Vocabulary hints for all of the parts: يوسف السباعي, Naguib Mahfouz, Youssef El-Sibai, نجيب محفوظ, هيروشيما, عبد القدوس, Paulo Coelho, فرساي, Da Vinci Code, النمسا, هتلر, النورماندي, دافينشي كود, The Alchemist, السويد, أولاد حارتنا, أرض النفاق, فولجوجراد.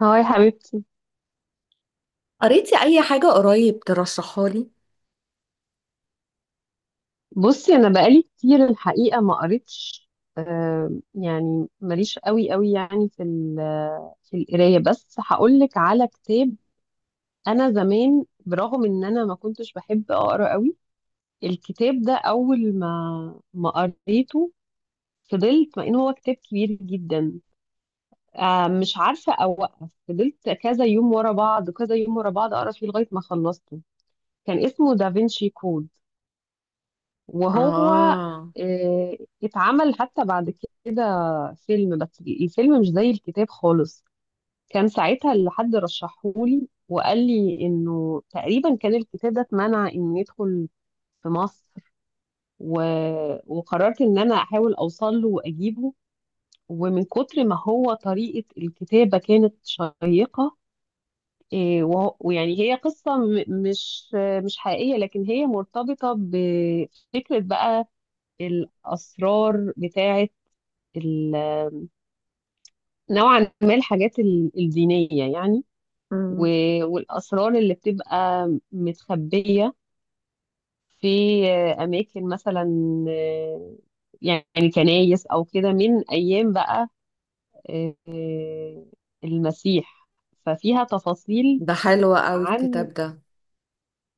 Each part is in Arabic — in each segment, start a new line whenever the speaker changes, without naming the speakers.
هاي حبيبتي.
قريتي اي حاجة قريب ترشحها لي؟
بصي انا بقالي كتير الحقيقه ما قريتش. يعني ماليش قوي قوي، يعني في القرايه، بس هقول لك على كتاب. انا زمان برغم ان انا ما كنتش بحب اقرا قوي، الكتاب ده اول ما قريته فضلت، مع ان هو كتاب كبير جدا. مش عارفه اوقف، فضلت كذا يوم ورا بعض كذا يوم ورا بعض اقرا فيه لغايه ما خلصته. كان اسمه دافنشي كود. وهو
اه.
آه، اتعمل حتى بعد كده فيلم، بس الفيلم مش زي الكتاب خالص. كان ساعتها اللي حد رشحهولي وقال لي انه تقريبا كان الكتاب ده اتمنع ان يدخل في مصر. و... وقررت ان انا احاول اوصل له واجيبه. ومن كتر ما هو، طريقة الكتابة كانت شيقة. إيه، ويعني هي قصة مش حقيقية، لكن هي مرتبطة بفكرة بقى. الأسرار بتاعة ال- نوعا ما الحاجات الدينية يعني.
مم.
والأسرار اللي بتبقى متخبية في أماكن مثلا، آه، يعني كنايس أو كده، من أيام بقى آه، المسيح. ففيها تفاصيل
ده حلو قوي
عن...
الكتاب ده.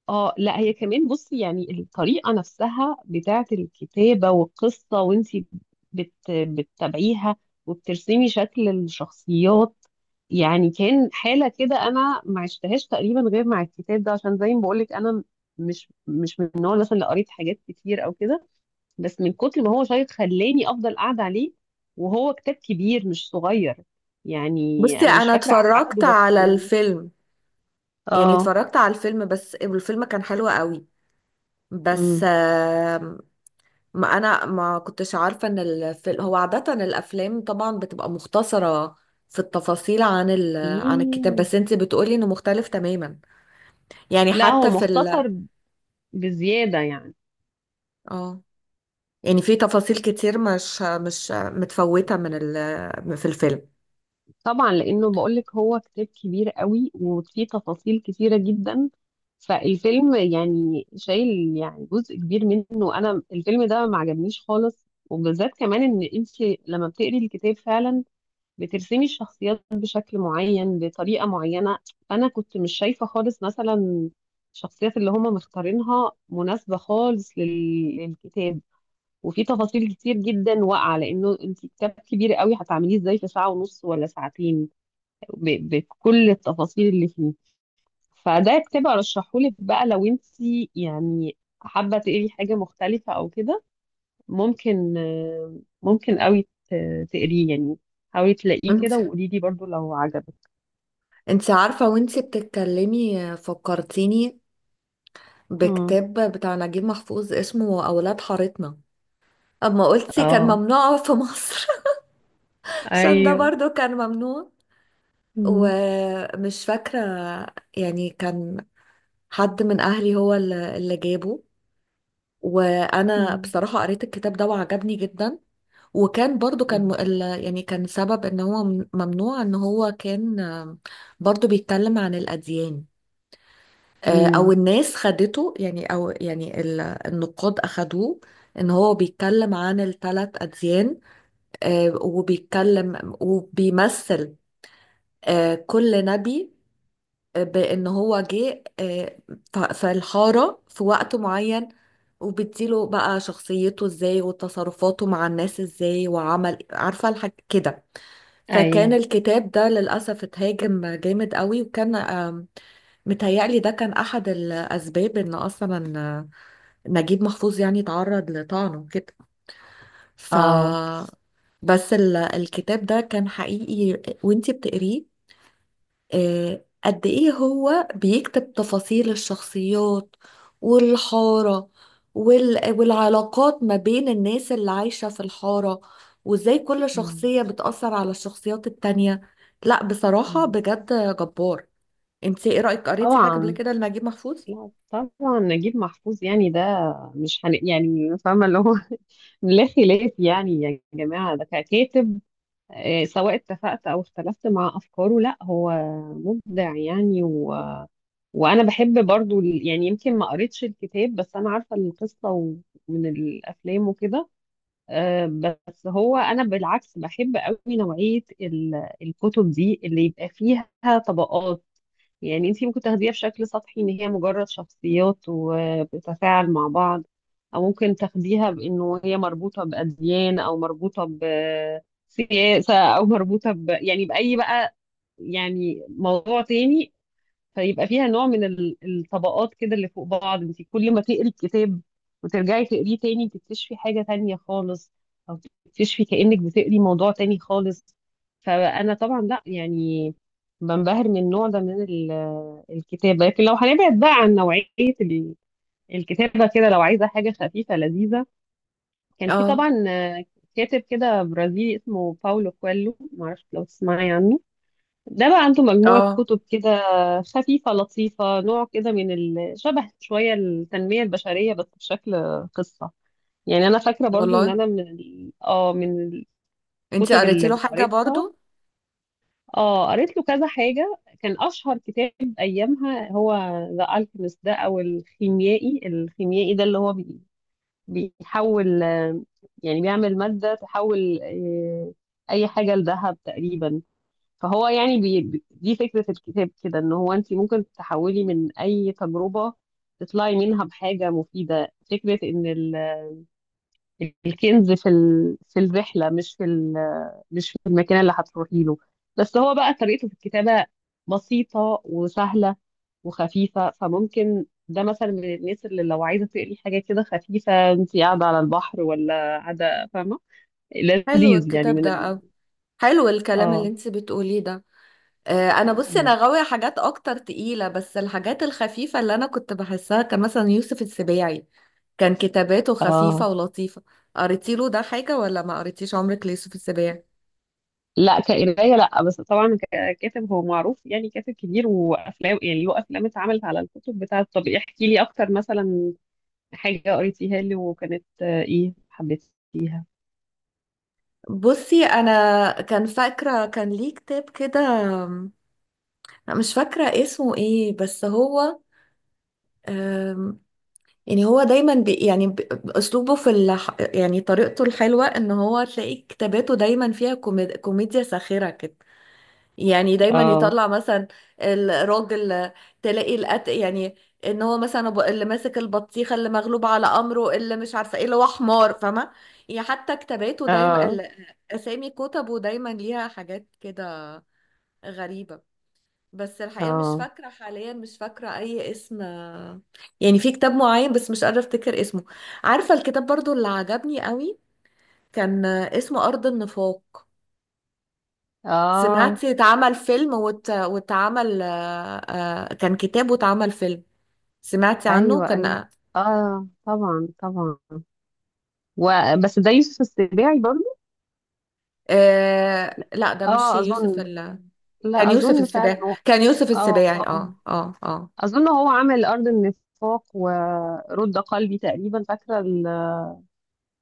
اه، لا هي كمان، بصي يعني الطريقة نفسها بتاعت الكتابة والقصة، وانتي بتتابعيها وبترسمي شكل الشخصيات. يعني كان حالة كده انا ما عشتهاش تقريبا غير مع الكتاب ده، عشان زي ما بقولك انا مش من النوع مثلا اللي قريت حاجات كتير او كده. بس من كتر ما هو شيق خلاني افضل قاعدة عليه. وهو كتاب كبير مش صغير يعني.
بصي
انا مش
انا
فاكرة عدده،
اتفرجت
بس...
على الفيلم، يعني
اه.
اتفرجت على الفيلم بس الفيلم كان حلو قوي. بس
امم.
ما انا ما كنتش عارفة ان الفيلم هو عادة الافلام طبعا بتبقى مختصرة في التفاصيل عن عن الكتاب،
ايه.
بس انت بتقولي انه مختلف تماما، يعني
لا هو
حتى في
مختصر بزيادة يعني.
اه، يعني في تفاصيل كتير مش متفوتة من في الفيلم.
طبعا لأنه بقولك هو كتاب كبير قوي وفيه تفاصيل كتيرة جدا. فالفيلم يعني شايل يعني جزء كبير منه. أنا الفيلم ده ما عجبنيش خالص، وبالذات كمان إن أنت لما بتقري الكتاب فعلا بترسمي الشخصيات بشكل معين بطريقة معينة. فأنا كنت مش شايفة خالص مثلا الشخصيات اللي هما مختارينها مناسبة خالص للكتاب. وفي تفاصيل كتير جدا واقعه، لانه انت كتاب كبير قوي هتعمليه ازاي في ساعه ونص ولا ساعتين بكل التفاصيل اللي فيه؟ فده كتاب ارشحهولك بقى لو انت يعني حابه تقري حاجه مختلفه او كده. ممكن ممكن قوي تقريه يعني. حاولي تلاقيه
انت
كده وقولي لي برضو لو عجبك.
انت عارفة وانت بتتكلمي فكرتيني
مم.
بكتاب بتاع نجيب محفوظ اسمه أولاد حارتنا، اما قلتي كان
اه.
ممنوع في مصر. عشان ده
ايوه.
برضو كان ممنوع،
مم.
ومش فاكرة، يعني كان حد من أهلي هو اللي جابه. وأنا
مم.
بصراحة قريت الكتاب ده وعجبني جدا. وكان برضو كان يعني كان سبب ان هو ممنوع ان هو كان برضو بيتكلم عن الأديان. او
مم.
الناس خدته، يعني او يعني النقاد اخدوه ان هو بيتكلم عن الثلاث اديان، وبيتكلم وبيمثل كل نبي، بان هو جه في الحاره في وقت معين، وبتديله بقى شخصيته ازاي وتصرفاته مع الناس ازاي وعمل عارفه الحاج كده. فكان
ايوه.
الكتاب ده للأسف اتهاجم جامد قوي، وكان متهيألي ده كان أحد الأسباب إن أصلا نجيب محفوظ يعني تعرض لطعنه كده. ف
اه.
بس الكتاب ده كان حقيقي وانتي بتقريه، قد ايه هو بيكتب تفاصيل الشخصيات والحارة والعلاقات ما بين الناس اللي عايشة في الحارة، وازاي كل
مم.
شخصية بتأثر على الشخصيات التانية. لا بصراحة
مم.
بجد جبار. انت ايه رأيك، قريتي حاجة قبل
طبعا.
كده لنجيب محفوظ؟
لا طبعا نجيب محفوظ يعني ده مش هن... يعني فاهمة اللي هو لا خلاف، يعني يا جماعة ده ككاتب، سواء اتفقت أو اختلفت مع أفكاره، لا هو مبدع يعني. وأنا بحب برضو يعني يمكن ما قريتش الكتاب، بس أنا عارفة القصة من الأفلام وكده. آه، بس هو انا بالعكس بحب قوي نوعيه الكتب دي اللي يبقى فيها طبقات. يعني انتي ممكن تاخديها بشكل سطحي ان هي مجرد شخصيات وبتتفاعل مع بعض، او ممكن تاخديها بانه هي مربوطه باديان او مربوطه بسياسه او مربوطه يعني باي بقى، يعني موضوع تاني. فيبقى فيها نوع من الطبقات كده اللي فوق بعض. انت كل ما تقري الكتاب وترجعي تقريه تاني تكتشفي حاجة تانية خالص، او تكتشفي كأنك بتقري موضوع تاني خالص. فانا طبعا لا يعني بنبهر من النوع ده من الكتابة. لكن لو هنبعد بقى عن نوعية ال- الكتابة كده، لو عايزة حاجة خفيفة لذيذة، كان في
اه
طبعا كاتب كده برازيلي اسمه باولو كويلو، معرفش لو تسمعي عنه. ده بقى عنده مجموعة
اه.
كتب كده خفيفة لطيفة، نوع كده من ال... شبه شوية التنمية البشرية بس بشكل قصة. يعني أنا فاكرة برضو إن
والله
أنا من
انت
الكتب
قريتي
اللي
له حاجة
قريتها،
برضو؟
آه، قريت له كذا حاجة. كان أشهر كتاب أيامها هو ذا ألكيميست ده، أو الخيميائي ده اللي هو بيحول، يعني بيعمل مادة تحول أي حاجة لذهب تقريبا. فهو يعني دي فكرة الكتاب كده ان هو انت ممكن تحولي من اي تجربة تطلعي منها بحاجة مفيدة. فكرة ان ال... الكنز في ال... في الرحلة، مش في المكان اللي هتروحي له. بس هو بقى طريقته في الكتابة بسيطة وسهلة وخفيفة. فممكن ده مثلا من الناس اللي لو عايزة تقري حاجة كده خفيفة، انت قاعدة على البحر ولا قاعدة، فاهمة.
حلو
لذيذ يعني
الكتاب ده أوي، حلو الكلام اللي
اه.
انت بتقوليه ده. انا بصي انا
مم.
غاويه حاجات اكتر تقيله، بس الحاجات الخفيفه اللي انا كنت بحسها كان مثلا يوسف السباعي، كان كتاباته خفيفه
اه،
ولطيفه. قريتي له ده حاجه ولا ما قريتيش عمرك ليوسف السباعي؟
لا كقراية لا، بس طبعا ككاتب هو معروف، يعني كاتب كبير، وافلام يعني له افلام اتعملت على الكتب بتاعته. طب احكي لي اكتر مثلا حاجة قريتيها لي وكانت ايه، حبيتيها.
بصي انا كان فاكره كان ليه كتاب كده، أم، مش فاكره اسمه ايه، بس هو أم، يعني هو دايما بي يعني اسلوبه في يعني طريقته الحلوه ان هو تلاقي كتاباته دايما فيها كوميديا ساخره كده. يعني دايما
اه.
يطلع مثلا الراجل، تلاقي يعني ان هو مثلا اللي ماسك البطيخه، اللي مغلوب على امره، اللي مش عارفه ايه، اللي هو حمار، فاهمه؟ يعني حتى كتاباته دايما
اه.
اسامي كتبه دايما ليها حاجات كده غريبه. بس الحقيقه مش
اه.
فاكره حاليا، مش فاكره اي اسم، يعني في كتاب معين بس مش قادره افتكر اسمه. عارفه الكتاب برضو اللي عجبني قوي، كان اسمه ارض النفاق.
اه.
سمعتي اتعمل فيلم واتعمل كان كتاب واتعمل فيلم. سمعتي عنه؟
ايوه. ايوه.
كان
اه طبعا طبعا. وبس ده يوسف السباعي برضه.
لا ده مش
اه
يوسف
اظن.
كان
لا
يوسف
اظن فعلا
السباعي،
هو.
كان يوسف
اه.
السباعي،
اه. آه.
اه اه اه.
اظن هو عمل ارض النفاق ورد قلبي تقريبا، فاكره.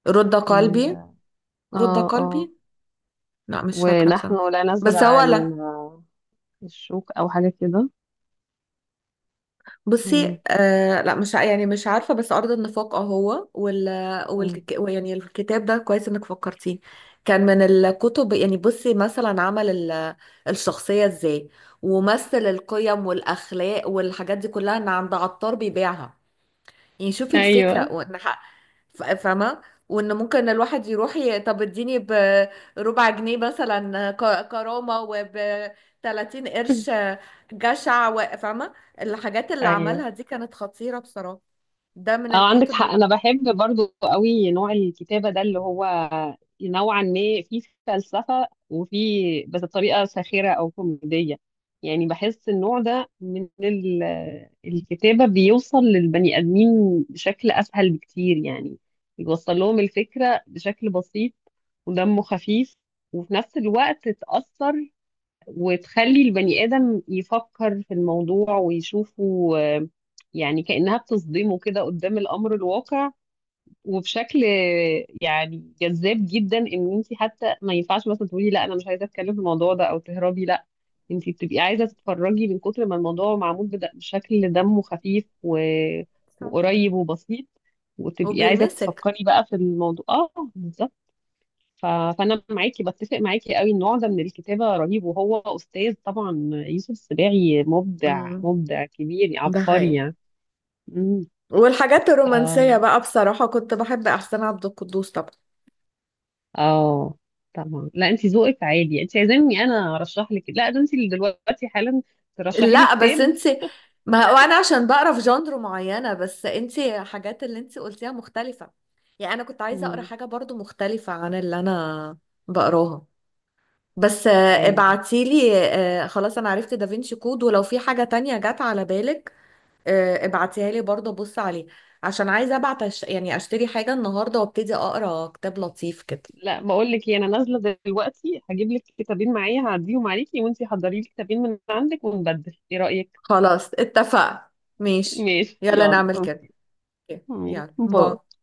رد قلبي، رد
اه. اه.
قلبي. لا مش فاكرة بصراحة.
ونحن لا
بس هو
نزرع
لا،
الشوك او حاجة كده.
بصي
مم.
آه لا مش يعني مش عارفة، بس أرض النفاق اهو،
مم.
والك يعني الكتاب ده كويس إنك فكرتيه. كان من الكتب، يعني بصي مثلا عمل الشخصية إزاي، ومثل القيم والأخلاق والحاجات دي كلها إن عند عطار بيبيعها. يعني شوفي
ايوه.
الفكرة، وان فاهمة؟ وان ممكن الواحد يروح طب اديني بربع جنيه مثلا كرامة، وب 30 قرش جشع، فاهمة؟ الحاجات اللي
ايوه.
عملها دي كانت خطيرة بصراحة، ده من
اه عندك
الكتب
حق، انا بحب برضو قوي نوع الكتابة ده اللي هو نوعا ما فيه فلسفة وفيه، بس بطريقة ساخرة او كوميدية. يعني بحس النوع ده من الكتابة بيوصل للبني ادمين بشكل اسهل بكتير، يعني بيوصل لهم الفكرة بشكل بسيط ودمه خفيف، وفي نفس الوقت تأثر وتخلي البني آدم يفكر في الموضوع ويشوفه. يعني كأنها بتصدمه كده قدام الأمر الواقع. وبشكل يعني جذاب جدا، إن أنت حتى ما ينفعش مثلا تقولي لا أنا مش عايزة أتكلم في الموضوع ده أو تهربي. لا، أنت بتبقي عايزة تتفرجي من كتر ما الموضوع معمول بشكل دمه خفيف وقريب وبسيط. وتبقي عايزة
وبيلمسك.
تفكري بقى في الموضوع، اه بالظبط. ف- فانا معاكي، بتفق معاكي قوي، النوع ده من الكتابه رهيب، وهو استاذ طبعا يوسف السباعي، مبدع،
امم،
مبدع كبير،
ده
عبقري
حقيقي.
يعني. مم.
والحاجات
ف
الرومانسية بقى بصراحة كنت بحب أحسن عبد القدوس طبعا.
اه طبعا. لا انت ذوقك عادي، انت عايزاني انا ارشح لك؟ لا ده انت اللي دلوقتي حالا ترشحي لي
لا
كتاب.
بس انت، ما هو انا عشان بقرا في جانر معينه، بس انت حاجات اللي انت قلتيها مختلفه، يعني انا كنت عايزه اقرا
مم.
حاجه برضو مختلفه عن اللي انا بقراها. بس
ايوه.
ابعتيلي، خلاص انا عرفت دافينشي كود، ولو في حاجه تانية جت على بالك ابعتيها لي برضو ابص عليه، عشان عايزه ابعت يعني اشتري حاجه النهارده وابتدي اقرا كتاب لطيف كده.
لا بقول لك إيه، انا نازله دلوقتي هجيب لك كتابين معايا، هعديهم عليكي، وانت حضري لي كتابين من عندك ونبدل، ايه رايك؟
خلاص اتفقنا. ماشي.
ماشي
يلا
يلا
نعمل كده.
أوكي.
أوكي، يلا
باي.
باي.